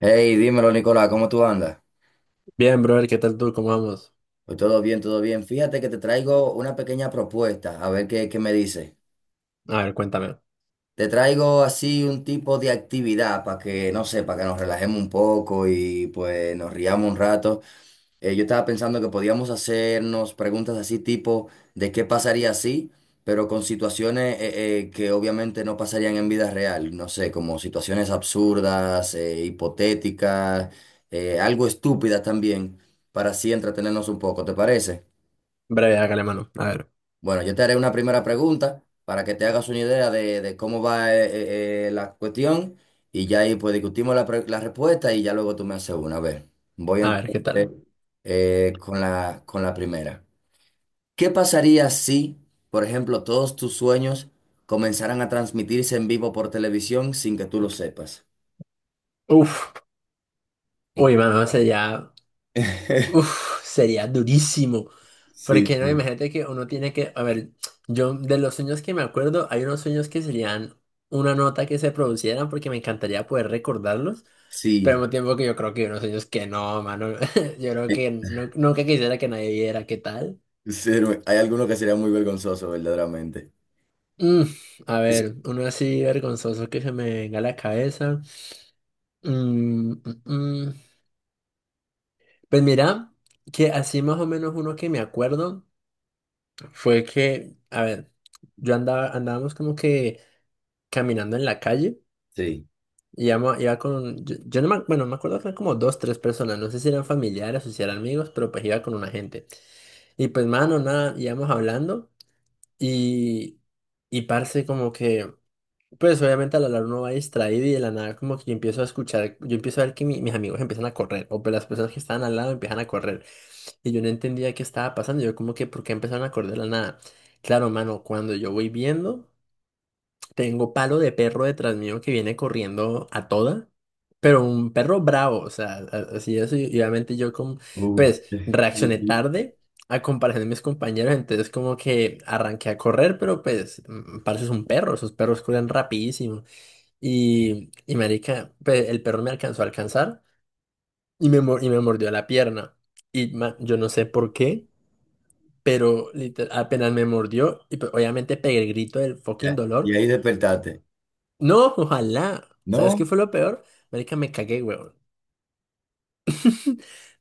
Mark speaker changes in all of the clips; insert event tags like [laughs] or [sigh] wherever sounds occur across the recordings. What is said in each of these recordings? Speaker 1: Hey, dímelo, Nicolás, ¿cómo tú andas?
Speaker 2: Bien, brother, ¿qué tal tú? ¿Cómo vamos?
Speaker 1: Pues todo bien, todo bien. Fíjate que te traigo una pequeña propuesta, a ver qué me dice.
Speaker 2: A ver, cuéntame.
Speaker 1: Te traigo así un tipo de actividad para que, no sé, para que nos relajemos un poco y pues nos riamos un rato. Yo estaba pensando que podíamos hacernos preguntas así tipo de qué pasaría así, pero con situaciones que obviamente no pasarían en vida real, no sé, como situaciones absurdas, hipotéticas, algo estúpidas también, para así entretenernos un poco, ¿te parece?
Speaker 2: Breve, hágale mano.
Speaker 1: Bueno, yo te haré una primera pregunta para que te hagas una idea de cómo va la cuestión y ya ahí pues discutimos la respuesta y ya luego tú me haces una. A ver, voy
Speaker 2: A ver, ¿qué
Speaker 1: entonces
Speaker 2: tal?
Speaker 1: con con la primera. ¿Qué pasaría si, por ejemplo, todos tus sueños comenzaran a transmitirse en vivo por televisión sin que tú lo sepas?
Speaker 2: Uf, uy, mano, sería,
Speaker 1: [laughs]
Speaker 2: uf, sería durísimo.
Speaker 1: Sí,
Speaker 2: Porque no,
Speaker 1: sí.
Speaker 2: imagínate que uno tiene que, a ver, yo de los sueños que me acuerdo, hay unos sueños que serían una nota que se producieran porque me encantaría poder recordarlos, pero al
Speaker 1: Sí,
Speaker 2: mismo tiempo que yo creo que hay unos sueños que no, mano, [laughs] yo creo
Speaker 1: eh,
Speaker 2: que no, nunca quisiera que nadie viera qué tal.
Speaker 1: sí, hay algunos que serían muy vergonzosos verdaderamente.
Speaker 2: Mm, a
Speaker 1: Es-
Speaker 2: ver, uno así vergonzoso que se me venga a la cabeza. Mm, mm, mm. Pues mira, que así más o menos uno que me acuerdo fue que, a ver, andábamos como que caminando en la calle
Speaker 1: Sí.
Speaker 2: y iba con, yo no me, bueno, me acuerdo que eran como dos, tres personas, no sé si eran familiares o si eran amigos, pero pues iba con una gente. Y pues mano, nada, íbamos hablando y, y parce como que, pues obviamente a la larga uno va distraído y de la nada como que yo empiezo a escuchar, yo empiezo a ver que mis amigos empiezan a correr o pues las personas que estaban al lado empiezan a correr. Y yo no entendía qué estaba pasando. Yo como que, ¿por qué empezaron a correr de la nada? Claro, mano, cuando yo voy viendo, tengo palo de perro detrás mío que viene corriendo a toda. Pero un perro bravo, o sea, así es. Y obviamente yo como,
Speaker 1: Uf.
Speaker 2: pues, reaccioné
Speaker 1: [laughs]
Speaker 2: tarde a comparación de mis compañeros. Entonces como que arranqué a correr, pero pues, parce es un perro. Esos perros corren rapidísimo. Y marica, pues, el perro me alcanzó a alcanzar y y me mordió la pierna. Y yo no sé por qué. Pero literal, apenas me mordió y pues, obviamente pegué el grito del fucking
Speaker 1: Ya.
Speaker 2: dolor.
Speaker 1: ¿Y ahí despertaste?
Speaker 2: No, ojalá. ¿Sabes qué
Speaker 1: No,
Speaker 2: fue lo peor? Marica, me cagué, weón.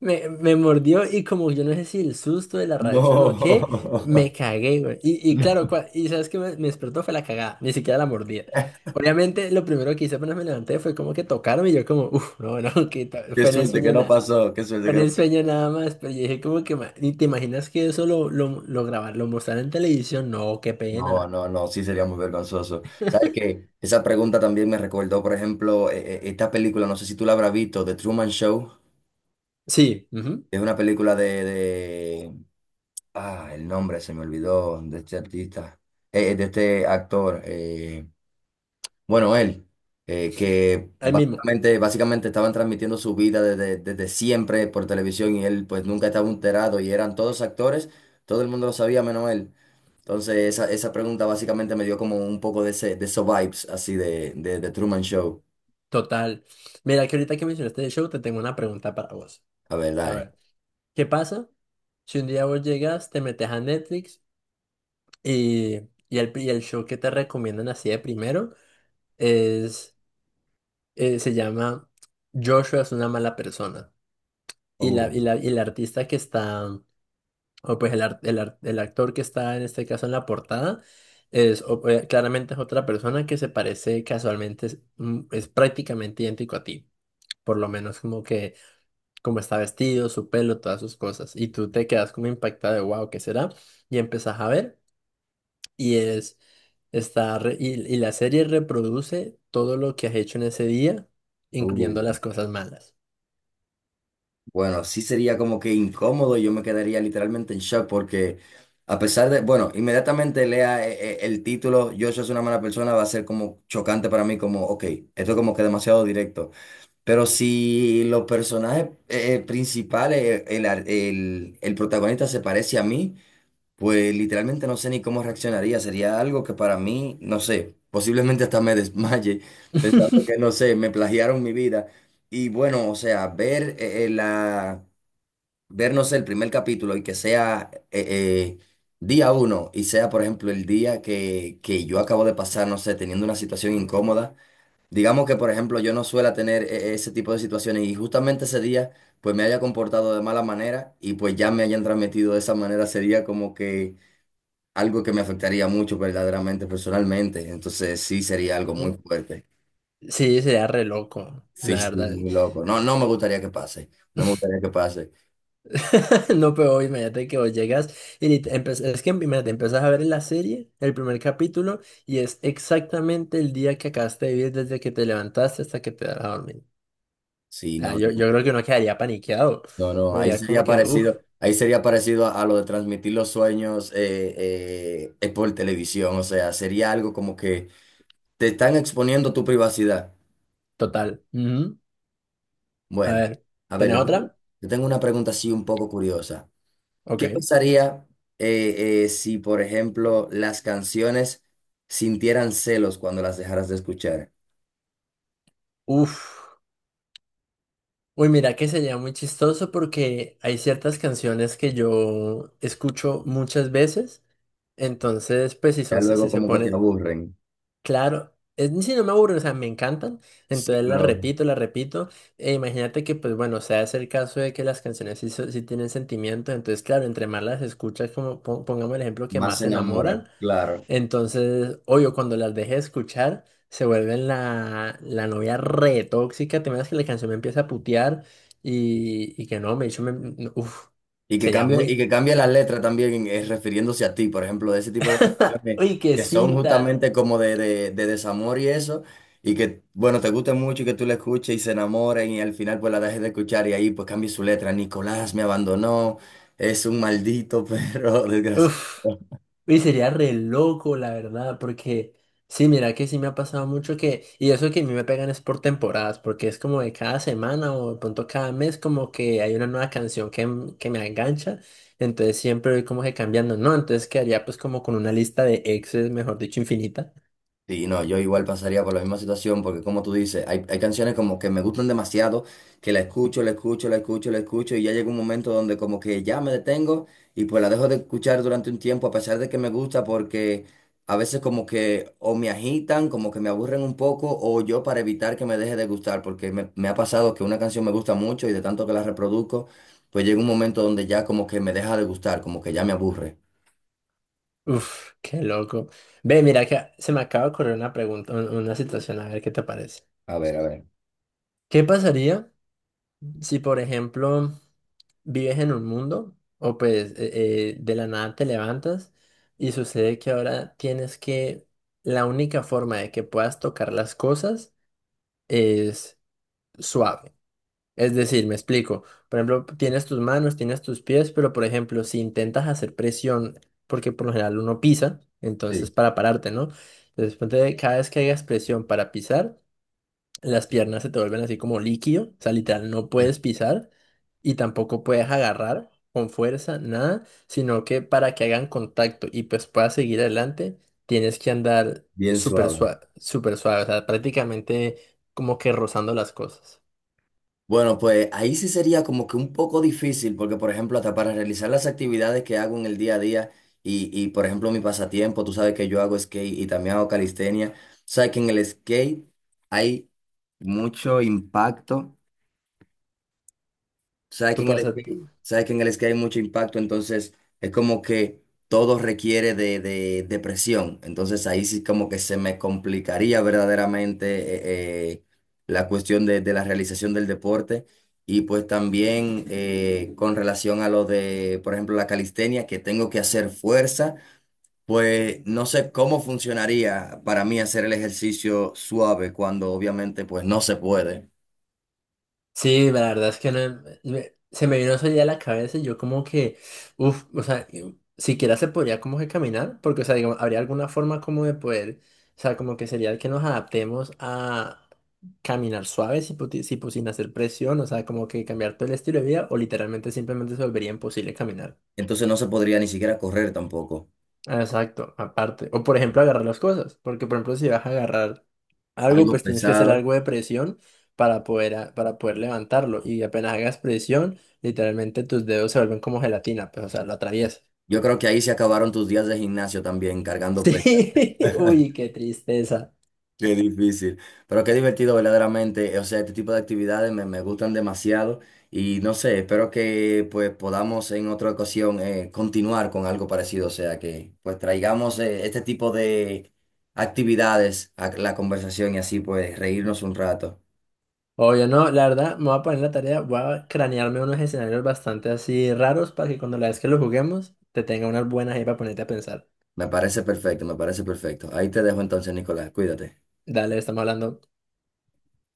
Speaker 2: Me mordió y como yo no sé si el susto de la reacción o qué, me
Speaker 1: no.
Speaker 2: cagué, weón.
Speaker 1: [laughs]
Speaker 2: Y
Speaker 1: No.
Speaker 2: claro, y sabes qué me despertó fue la cagada, ni siquiera la mordida. Obviamente lo primero que hice apenas me levanté fue como que tocarme y yo como, uff, no, no, [laughs] que
Speaker 1: Qué
Speaker 2: fue en el
Speaker 1: suerte que
Speaker 2: sueño
Speaker 1: no
Speaker 2: nada.
Speaker 1: pasó, qué suerte
Speaker 2: Fue
Speaker 1: que
Speaker 2: en
Speaker 1: no.
Speaker 2: el sueño nada más, pero yo dije como que, ni te imaginas que eso lo grabar, lo mostrar en televisión, no, qué
Speaker 1: No,
Speaker 2: pena.
Speaker 1: no, no, sí sería muy vergonzoso. ¿Sabes qué? Esa pregunta también me recordó, por ejemplo, esta película, no sé si tú la habrás visto, The Truman Show.
Speaker 2: Sí, ujú,
Speaker 1: Es una película Ah, el nombre se me olvidó de este artista, de este actor. Bueno, él, que
Speaker 2: ahí mismo,
Speaker 1: básicamente estaban transmitiendo su vida desde siempre por televisión y él pues nunca estaba enterado y eran todos actores, todo el mundo lo sabía menos él. Entonces esa pregunta básicamente me dio como un poco de esos vibes así de Truman Show,
Speaker 2: total. Mira, que ahorita que mencionaste el show, te tengo una pregunta para vos.
Speaker 1: la verdad.
Speaker 2: A ver, ¿qué pasa si un día vos llegas, te metes a Netflix y, y, y el show que te recomiendan así de primero es, se llama Joshua es una mala persona? Y la,
Speaker 1: Oh,
Speaker 2: y la, y el artista que está, o pues el actor que está en este caso en la portada, es claramente es otra persona que se parece casualmente, es, es prácticamente idéntico a ti. Por lo menos como que, como está vestido, su pelo, todas sus cosas. Y tú te quedas como impactada de, wow, ¿qué será? Y empezás a ver y es, está, y la serie reproduce todo lo que has hecho en ese día,
Speaker 1: oh.
Speaker 2: incluyendo las cosas malas.
Speaker 1: Bueno, sí sería como que incómodo, yo me quedaría literalmente en shock porque a pesar de, bueno, inmediatamente lea el título, yo soy una mala persona, va a ser como chocante para mí, como, ok, esto es como que demasiado directo. Pero si los personajes principales, el protagonista se parece a mí, pues literalmente no sé ni cómo reaccionaría, sería algo que para mí, no sé, posiblemente hasta me desmaye pensando que,
Speaker 2: [laughs]
Speaker 1: no sé, me plagiaron mi vida. Y bueno, o sea, vernos el primer capítulo y que sea día uno y sea, por ejemplo, el día que yo acabo de pasar, no sé, teniendo una situación incómoda. Digamos que, por ejemplo, yo no suela tener ese tipo de situaciones y justamente ese día, pues me haya comportado de mala manera y pues ya me hayan transmitido de esa manera, sería como que algo que me afectaría mucho verdaderamente, personalmente. Entonces sí sería algo muy
Speaker 2: Eh,
Speaker 1: fuerte.
Speaker 2: Sí, sería re loco, la
Speaker 1: Sí, sí,
Speaker 2: verdad.
Speaker 1: muy loco. No,
Speaker 2: Que-
Speaker 1: no me gustaría que pase. No me gustaría que pase.
Speaker 2: [laughs] No, pero imagínate que vos llegas y es que imagínate, empezás a ver la serie, el primer capítulo, y es exactamente el día que acabaste de vivir desde que te levantaste hasta que te vas a dormir.
Speaker 1: Sí,
Speaker 2: Sea,
Speaker 1: no.
Speaker 2: yo,
Speaker 1: No.
Speaker 2: yo creo que uno quedaría paniqueado.
Speaker 1: No, no,
Speaker 2: Uno diría como que, uff,
Speaker 1: ahí sería parecido a lo de transmitir los sueños por televisión, o sea, sería algo como que te están exponiendo tu privacidad.
Speaker 2: total. Ujú. A
Speaker 1: Bueno,
Speaker 2: ver,
Speaker 1: a ver,
Speaker 2: ¿tenés otra?
Speaker 1: yo tengo una pregunta así un poco curiosa.
Speaker 2: Ok.
Speaker 1: ¿Qué pasaría si, por ejemplo, las canciones sintieran celos cuando las dejaras de escuchar?
Speaker 2: Uff. Uy, mira que sería muy chistoso porque hay ciertas canciones que yo escucho muchas veces. Entonces, pues si
Speaker 1: Ya
Speaker 2: son, si
Speaker 1: luego
Speaker 2: se
Speaker 1: como que te
Speaker 2: pone,
Speaker 1: aburren.
Speaker 2: claro, es, si no me aburren, o sea, me encantan,
Speaker 1: Sí,
Speaker 2: entonces
Speaker 1: pero
Speaker 2: las repito, e imagínate que, pues bueno, sea es el caso de que las canciones sí, sí tienen sentimiento, entonces, claro, entre más las escuchas, como pongamos el ejemplo, que
Speaker 1: más
Speaker 2: más
Speaker 1: se
Speaker 2: se
Speaker 1: enamora,
Speaker 2: enamoran.
Speaker 1: claro.
Speaker 2: Entonces, obvio, cuando las deje de escuchar, se vuelven la, la novia re tóxica. Te imaginas que la canción me empieza a putear y que no, me dicho, me, no, uf,
Speaker 1: Y
Speaker 2: sería
Speaker 1: y
Speaker 2: muy.
Speaker 1: que cambie la letra también refiriéndose a ti, por ejemplo, de ese tipo de
Speaker 2: [laughs]
Speaker 1: canciones
Speaker 2: Uy, qué
Speaker 1: que son
Speaker 2: cinta.
Speaker 1: justamente como de desamor y eso, y que, bueno, te guste mucho y que tú la escuches y se enamoren y al final pues la dejes de escuchar y ahí pues cambie su letra. Nicolás me abandonó, es un maldito perro [laughs]
Speaker 2: Uf.
Speaker 1: desgraciado.
Speaker 2: Y sería re loco, la verdad, porque sí, mira que sí me ha pasado mucho que, y eso que a mí me pegan es por temporadas, porque es como de cada semana o de pronto cada mes como que hay una nueva canción que, que me engancha, entonces siempre voy como que cambiando, ¿no? Entonces quedaría pues como con una lista de exes, mejor dicho, infinita.
Speaker 1: Sí, no, yo igual pasaría por la misma situación, porque como tú dices, hay canciones como que me gustan demasiado, que la escucho, la escucho, la escucho, la escucho, y ya llega un momento donde como que ya me detengo y pues la dejo de escuchar durante un tiempo, a pesar de que me gusta, porque a veces como que o me agitan, como que me aburren un poco, o yo para evitar que me deje de gustar, porque me ha pasado que una canción me gusta mucho y de tanto que la reproduzco, pues llega un momento donde ya como que me deja de gustar, como que ya me aburre.
Speaker 2: Uf, qué loco. Ve, mira que se me acaba de ocurrir una pregunta, una situación, a ver qué te parece.
Speaker 1: A ver, a ver.
Speaker 2: ¿Qué pasaría? Si, por ejemplo, vives en un mundo o pues de la nada te levantas y sucede que ahora tienes que, la única forma de que puedas tocar las cosas es suave. Es decir, me explico. Por ejemplo, tienes tus manos, tienes tus pies, pero por ejemplo, si intentas hacer presión, porque por lo general uno pisa,
Speaker 1: Sí,
Speaker 2: entonces para pararte, ¿no? Entonces, ponte, cada vez que hagas presión para pisar, las piernas se te vuelven así como líquido, o sea, literal, no puedes pisar y tampoco puedes agarrar con fuerza, nada, sino que para que hagan contacto y pues puedas seguir adelante, tienes que andar
Speaker 1: bien suave.
Speaker 2: súper suave, o sea, prácticamente como que rozando las cosas.
Speaker 1: Bueno, pues ahí sí sería como que un poco difícil, porque por ejemplo, hasta para realizar las actividades que hago en el día a día y por ejemplo mi pasatiempo, tú sabes que yo hago skate y también hago calistenia, sabes que en el skate hay mucho impacto.
Speaker 2: ¿Tú pasas?
Speaker 1: Sabes que en el skate hay mucho impacto, entonces es como que todo requiere de presión. Entonces ahí sí como que se me complicaría verdaderamente eh, eh, la cuestión de la realización del deporte. Y pues también con relación a lo de, por ejemplo, la calistenia, que tengo que hacer fuerza, pues no sé cómo funcionaría para mí hacer el ejercicio suave cuando obviamente pues no se puede.
Speaker 2: Sí, la verdad es que no, se me vino eso ya a la cabeza y yo como que, uff, o sea, siquiera se podría como que caminar, porque, o sea, digamos, habría alguna forma como de poder, o sea, como que sería que nos adaptemos a caminar suave, si, si, pues, sin hacer presión, o sea, como que cambiar todo el estilo de vida o literalmente simplemente se volvería imposible caminar.
Speaker 1: Entonces no se podría ni siquiera correr tampoco.
Speaker 2: Ah, exacto, aparte. O por ejemplo, agarrar las cosas. Porque por ejemplo, si vas a agarrar algo,
Speaker 1: Algo
Speaker 2: pues tienes que hacer
Speaker 1: pesado.
Speaker 2: algo de presión para poder, para poder levantarlo. Y apenas hagas presión, literalmente tus dedos se vuelven como gelatina, pues o sea, lo atraviesas.
Speaker 1: Yo creo que ahí se acabaron tus días de gimnasio también,
Speaker 2: [laughs]
Speaker 1: cargando pesas.
Speaker 2: Sí, uy,
Speaker 1: [laughs]
Speaker 2: qué tristeza.
Speaker 1: Qué difícil, pero qué divertido verdaderamente. O sea, este tipo de actividades me gustan demasiado y no sé, espero que pues podamos en otra ocasión continuar con algo parecido. O sea, que pues traigamos este tipo de actividades a la conversación y así pues reírnos un rato.
Speaker 2: Obvio, no, la verdad, me voy a poner en la tarea, voy a cranearme unos escenarios bastante así raros para que cuando la vez que lo juguemos, te tenga unas buenas ahí para ponerte a pensar.
Speaker 1: Me parece perfecto, me parece perfecto. Ahí te dejo entonces, Nicolás, cuídate.
Speaker 2: Dale, estamos hablando.